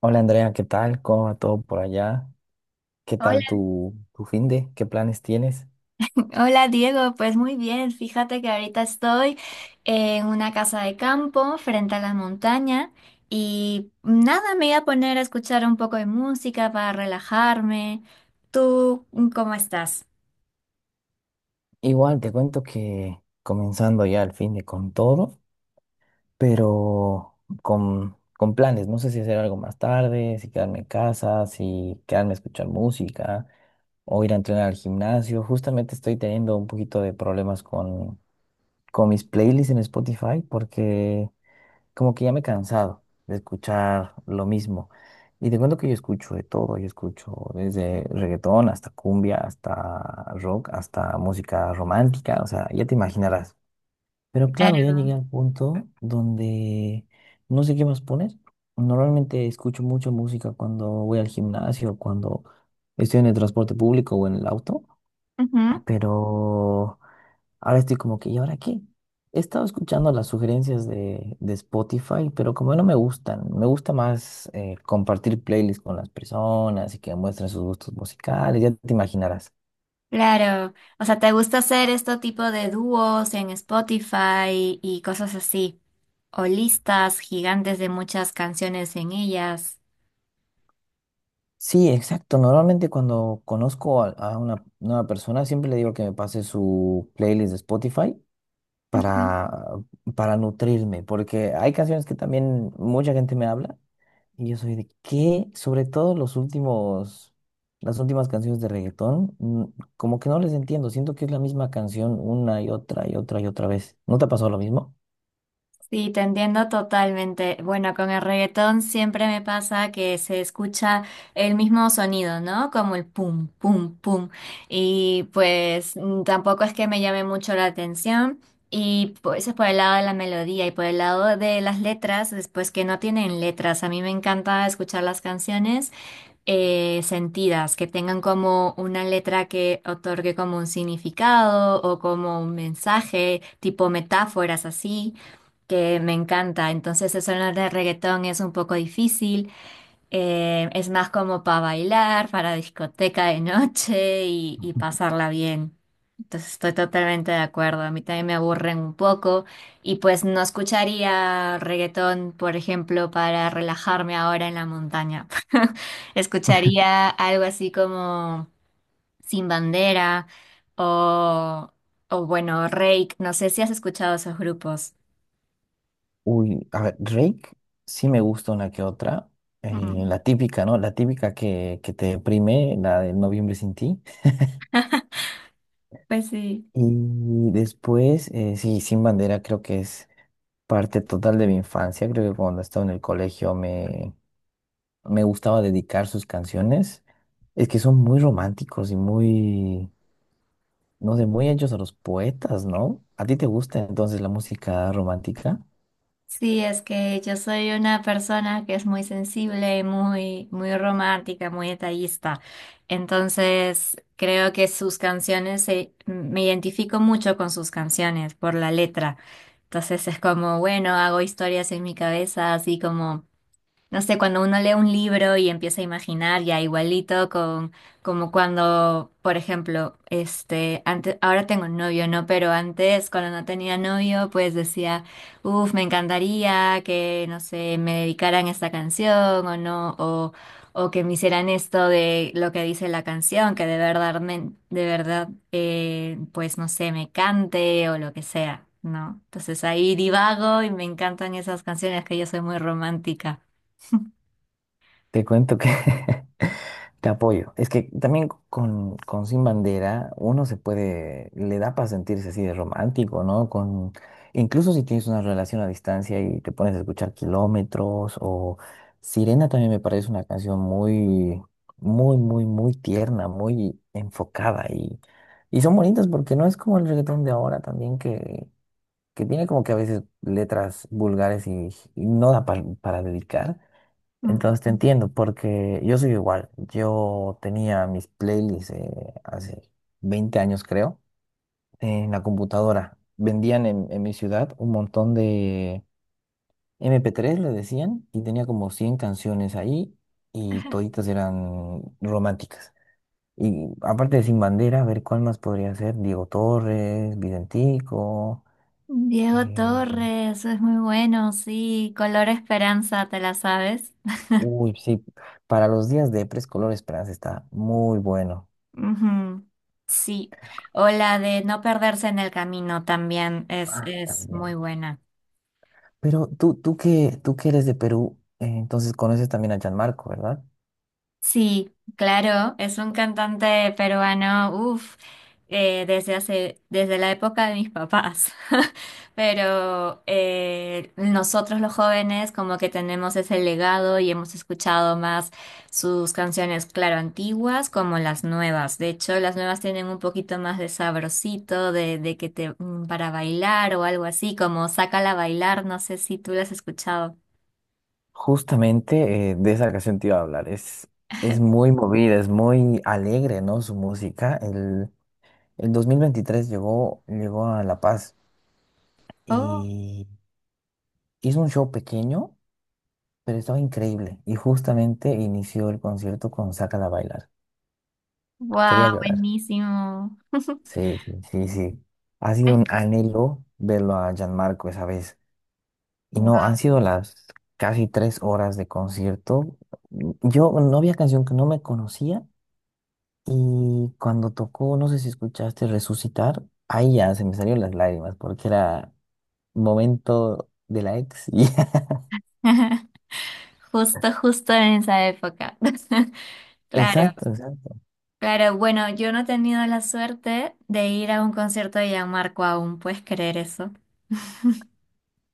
Hola Andrea, ¿qué tal? ¿Cómo va todo por allá? ¿Qué Hola, tal tu fin de? ¿Qué planes tienes? hola Diego, pues muy bien, fíjate que ahorita estoy en una casa de campo frente a la montaña y nada, me voy a poner a escuchar un poco de música para relajarme. ¿Tú cómo estás? Igual te cuento que comenzando ya el fin de con todo, pero con planes. No sé si hacer algo más tarde, si quedarme en casa, si quedarme a escuchar música o ir a entrenar al gimnasio. Justamente estoy teniendo un poquito de problemas con mis playlists en Spotify porque como que ya me he cansado de escuchar lo mismo. Y te cuento que yo escucho de todo, yo escucho desde reggaetón hasta cumbia, hasta rock, hasta música romántica, o sea, ya te imaginarás. Pero claro, ya llegué Claro. al punto donde no sé qué más poner. Normalmente escucho mucha música cuando voy al gimnasio, cuando estoy en el transporte público o en el auto, Ujú. pero ahora estoy como que, ¿y ahora qué? He estado escuchando las sugerencias de Spotify, pero como no me gustan, me gusta más compartir playlists con las personas y que muestren sus gustos musicales, ya te imaginarás. Claro, o sea, ¿te gusta hacer este tipo de dúos en Spotify y cosas así? O listas gigantes de muchas canciones en ellas. Sí, exacto. Normalmente cuando conozco a una nueva persona, siempre le digo que me pase su playlist de Spotify para, para nutrirme, porque hay canciones que también mucha gente me habla y yo soy de que, sobre todo los últimos, las últimas canciones de reggaetón, como que no les entiendo, siento que es la misma canción una y otra y otra y otra vez. ¿No te ha pasado lo mismo? Sí, te entiendo totalmente. Bueno, con el reggaetón siempre me pasa que se escucha el mismo sonido, ¿no? Como el pum, pum, pum. Y pues tampoco es que me llame mucho la atención. Y pues eso es por el lado de la melodía y por el lado de las letras, después que no tienen letras. A mí me encanta escuchar las canciones sentidas, que tengan como una letra que otorgue como un significado o como un mensaje, tipo metáforas así, que me encanta. Entonces eso en el de reggaetón es un poco difícil. Es más como para bailar, para discoteca de noche y pasarla bien. Entonces estoy totalmente de acuerdo. A mí también me aburren un poco y pues no escucharía reggaetón, por ejemplo, para relajarme ahora en la montaña. Escucharía algo así como Sin Bandera o, o bueno, Reik. No sé si has escuchado esos grupos. Uy, a ver, Drake sí me gusta una que otra. Mm. La típica, ¿no? La típica que te deprime, la de Noviembre sin ti. Pues sí. Y después, sí, Sin Bandera creo que es parte total de mi infancia, creo que cuando estaba en el colegio me gustaba dedicar sus canciones. Es que son muy románticos y muy, no sé, muy hechos a los poetas, ¿no? ¿A ti te gusta entonces la música romántica? Sí, es que yo soy una persona que es muy sensible, muy, muy romántica, muy detallista. Entonces, creo que sus canciones, me identifico mucho con sus canciones por la letra. Entonces, es como, bueno, hago historias en mi cabeza, así como no sé, cuando uno lee un libro y empieza a imaginar ya igualito con como cuando, por ejemplo, este, antes, ahora tengo novio, ¿no? Pero antes, cuando no tenía novio, pues decía, uff, me encantaría que, no sé, me dedicaran esta canción o no, o que me hicieran esto de lo que dice la canción, que de verdad, de verdad, pues no sé, me cante o lo que sea, ¿no? Entonces ahí divago y me encantan esas canciones que yo soy muy romántica. Te cuento que te apoyo. Es que también con Sin Bandera uno se puede, le da para sentirse así de romántico, ¿no? Incluso si tienes una relación a distancia y te pones a escuchar Kilómetros o Sirena también me parece una canción muy, muy, muy, muy tierna, muy enfocada y son bonitas porque no es como el reggaetón de ahora también que tiene como que a veces letras vulgares y no da para dedicar. Ujú. Entonces te entiendo, porque yo soy igual. Yo tenía mis playlists hace 20 años, creo, en la computadora. Vendían en mi ciudad un montón de MP3, le decían, y tenía como 100 canciones ahí y toditas eran románticas. Y aparte de Sin Bandera, a ver cuál más podría ser. Diego Torres, Videntico. Diego eh, Torres, es muy bueno, sí. Color Esperanza, ¿te la sabes? Uy, sí, para los días de Color Esperanza está muy bueno. Ujú. Sí. O la de No perderse en el camino también Ah, es muy también. buena. Pero tú que eres de Perú, entonces conoces también a Gianmarco, ¿verdad? Sí, claro, es un cantante peruano, uff, desde hace, desde la época de mis papás. Pero nosotros los jóvenes como que tenemos ese legado y hemos escuchado más sus canciones, claro, antiguas como las nuevas. De hecho, las nuevas tienen un poquito más de sabrosito, de que te, para bailar o algo así, como Sácala a bailar, no sé si tú las has escuchado. Justamente de esa canción te iba a hablar. Es muy movida, es muy alegre, ¿no? Su música. El 2023 llegó a La Paz Oh, y hizo un show pequeño, pero estaba increíble. Y justamente inició el concierto con Sácala a bailar. wow, Quería llorar. buenísimo. Sí, sí, sí, sí. Ha sido un anhelo verlo a Gianmarco esa vez. Y no, Wow. han sido las casi 3 horas de concierto. Yo no había canción que no me conocía y cuando tocó, no sé si escuchaste Resucitar, ahí ya se me salieron las lágrimas porque era momento de la ex. Justo, justo en esa época. Claro, Exacto, exacto. claro. Bueno, yo no he tenido la suerte de ir a un concierto de Gianmarco aún, ¿puedes creer eso?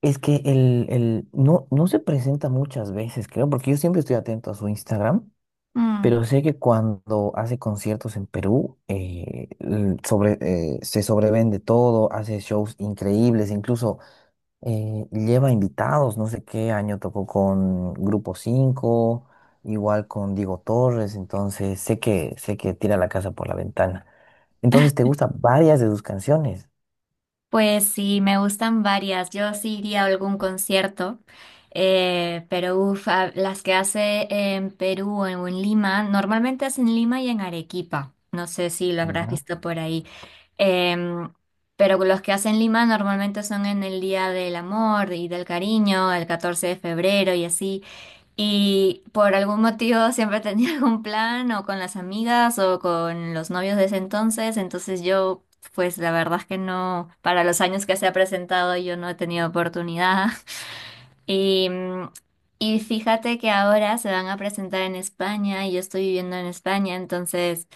Es que no, no se presenta muchas veces, creo, porque yo siempre estoy atento a su Instagram, Mm. pero sé que cuando hace conciertos en Perú, se sobrevende todo, hace shows increíbles, incluso lleva invitados, no sé qué año tocó con Grupo 5, igual con Diego Torres, entonces sé que tira la casa por la ventana. Entonces te gustan varias de sus canciones. Pues sí, me gustan varias. Yo sí iría a algún concierto, pero uf, las que hace en Perú o en Lima, normalmente es en Lima y en Arequipa. No sé si lo habrás Mira, visto por ahí. Em, pero los que hacen Lima normalmente son en el Día del Amor y del Cariño, el 14 de febrero y así. Y por algún motivo siempre tenía algún plan o con las amigas o con los novios de ese entonces. Entonces yo, pues la verdad es que no, para los años que se ha presentado yo no he tenido oportunidad. Y, mm, y fíjate que ahora se van a presentar en España y yo estoy viviendo en España. Entonces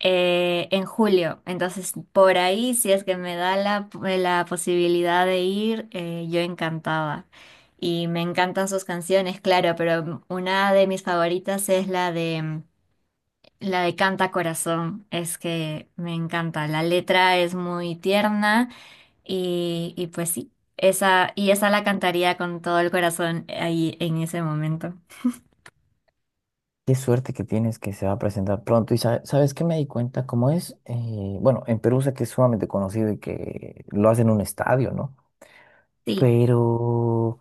en julio. Entonces, por ahí, si es que me da la posibilidad de ir, yo encantada. Y me encantan sus canciones, claro, pero una de mis favoritas es la de Canta Corazón. Es que me encanta. La letra es muy tierna y pues sí, esa, y esa la cantaría con todo el corazón ahí en ese momento. qué suerte que tienes que se va a presentar pronto. Y sabes qué me di cuenta, cómo es. Bueno, en Perú sé que es sumamente conocido y que lo hacen en un estadio, ¿no? Sí. Pero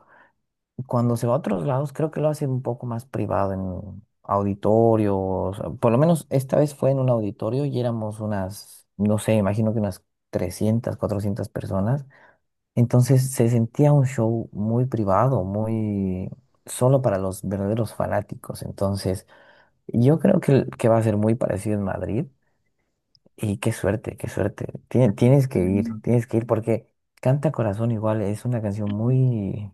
cuando se va a otros lados, creo que lo hace un poco más privado en auditorios. Por lo menos esta vez fue en un auditorio y éramos unas, no sé, imagino que unas 300, 400 personas. Entonces se sentía un show muy privado, muy solo para los verdaderos fanáticos. Entonces yo creo que va a ser muy parecido en Madrid. Y qué suerte, qué suerte. Tienes que ir, Bueno. tienes que ir porque Canta Corazón igual es una canción muy.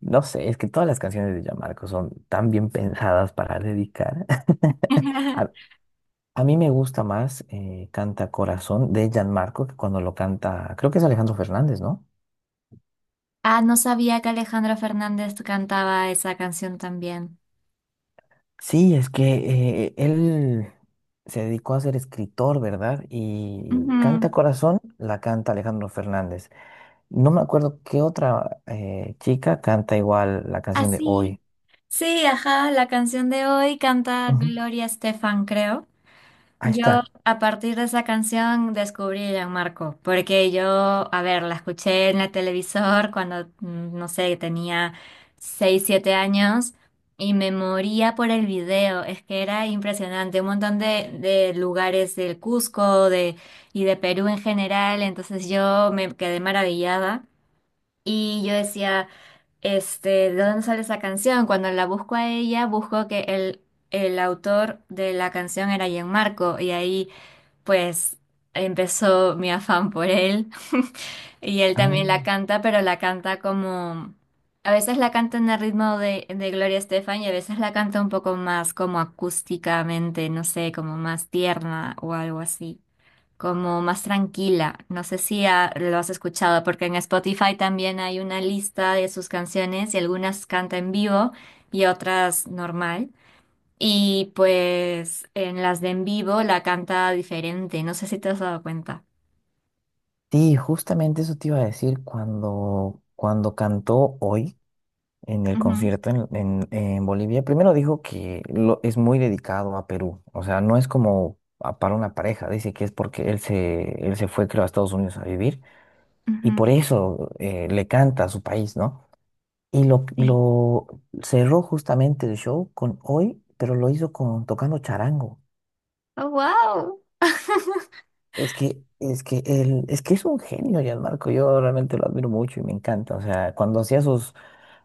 No sé, es que todas las canciones de Gianmarco son tan bien pensadas para dedicar. A, a mí me gusta más Canta Corazón de Gianmarco que cuando lo canta, creo que es Alejandro Fernández, ¿no? Ah, no sabía que Alejandro Fernández cantaba esa canción también. Sí, es que él se dedicó a ser escritor, ¿verdad? Y Canta Ujú. Corazón la canta Alejandro Fernández. No me acuerdo qué otra chica canta igual la canción de Así. Hoy. Sí, ajá, la canción de hoy canta Ujú. Gloria Estefan, creo. Ahí Yo está. a partir de esa canción descubrí a Gianmarco, porque yo, a ver, la escuché en la televisor cuando, no sé, tenía 6 7 años y me moría por el video, es que era impresionante, un montón de lugares del Cusco de, y de Perú en general, entonces yo me quedé maravillada. Y yo decía, este, ¿de dónde sale esa canción? Cuando la busco a ella, busco que el, autor de la canción era Gianmarco y ahí pues empezó mi afán por él y él Ah. también la canta, pero la canta como... A veces la canta en el ritmo de Gloria Estefan y a veces la canta un poco más como acústicamente, no sé, como más tierna o algo así como más tranquila. No sé si lo has escuchado, porque en Spotify también hay una lista de sus canciones y algunas canta en vivo y otras normal. Y pues en las de en vivo la canta diferente, no sé si te has dado cuenta. Sí, justamente eso te iba a decir cuando, cuando cantó hoy en el Ujú, concierto en Bolivia. Primero dijo que es muy dedicado a Perú, o sea, no es como para una pareja, dice que es porque él se fue, creo, a Estados Unidos a vivir y ujú, por eso le canta a su país, ¿no? Y lo, sí. lo cerró justamente el show con hoy, pero lo hizo tocando charango. Oh, wow. Es que es un genio, Gianmarco. Yo realmente lo admiro mucho y me encanta. O sea, cuando hacía sus,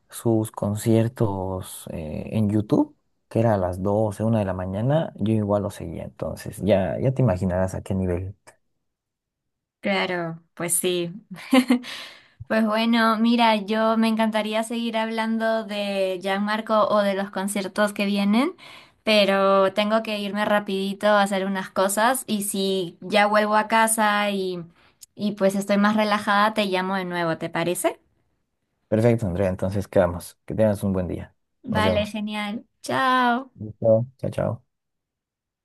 sus conciertos en YouTube, que era a las doce una de la mañana, yo igual lo seguía. Entonces, ya, ya te imaginarás a qué nivel. Claro, pues sí. Pues bueno, mira, yo me encantaría seguir hablando de Gianmarco o de los conciertos que vienen, pero tengo que irme rapidito a hacer unas cosas y si ya vuelvo a casa y pues estoy más relajada, te llamo de nuevo, ¿te parece? Perfecto, Andrea. Entonces, quedamos. Que tengas un buen día. Nos Vale, vemos. genial. Chao. Listo. Chao, chao.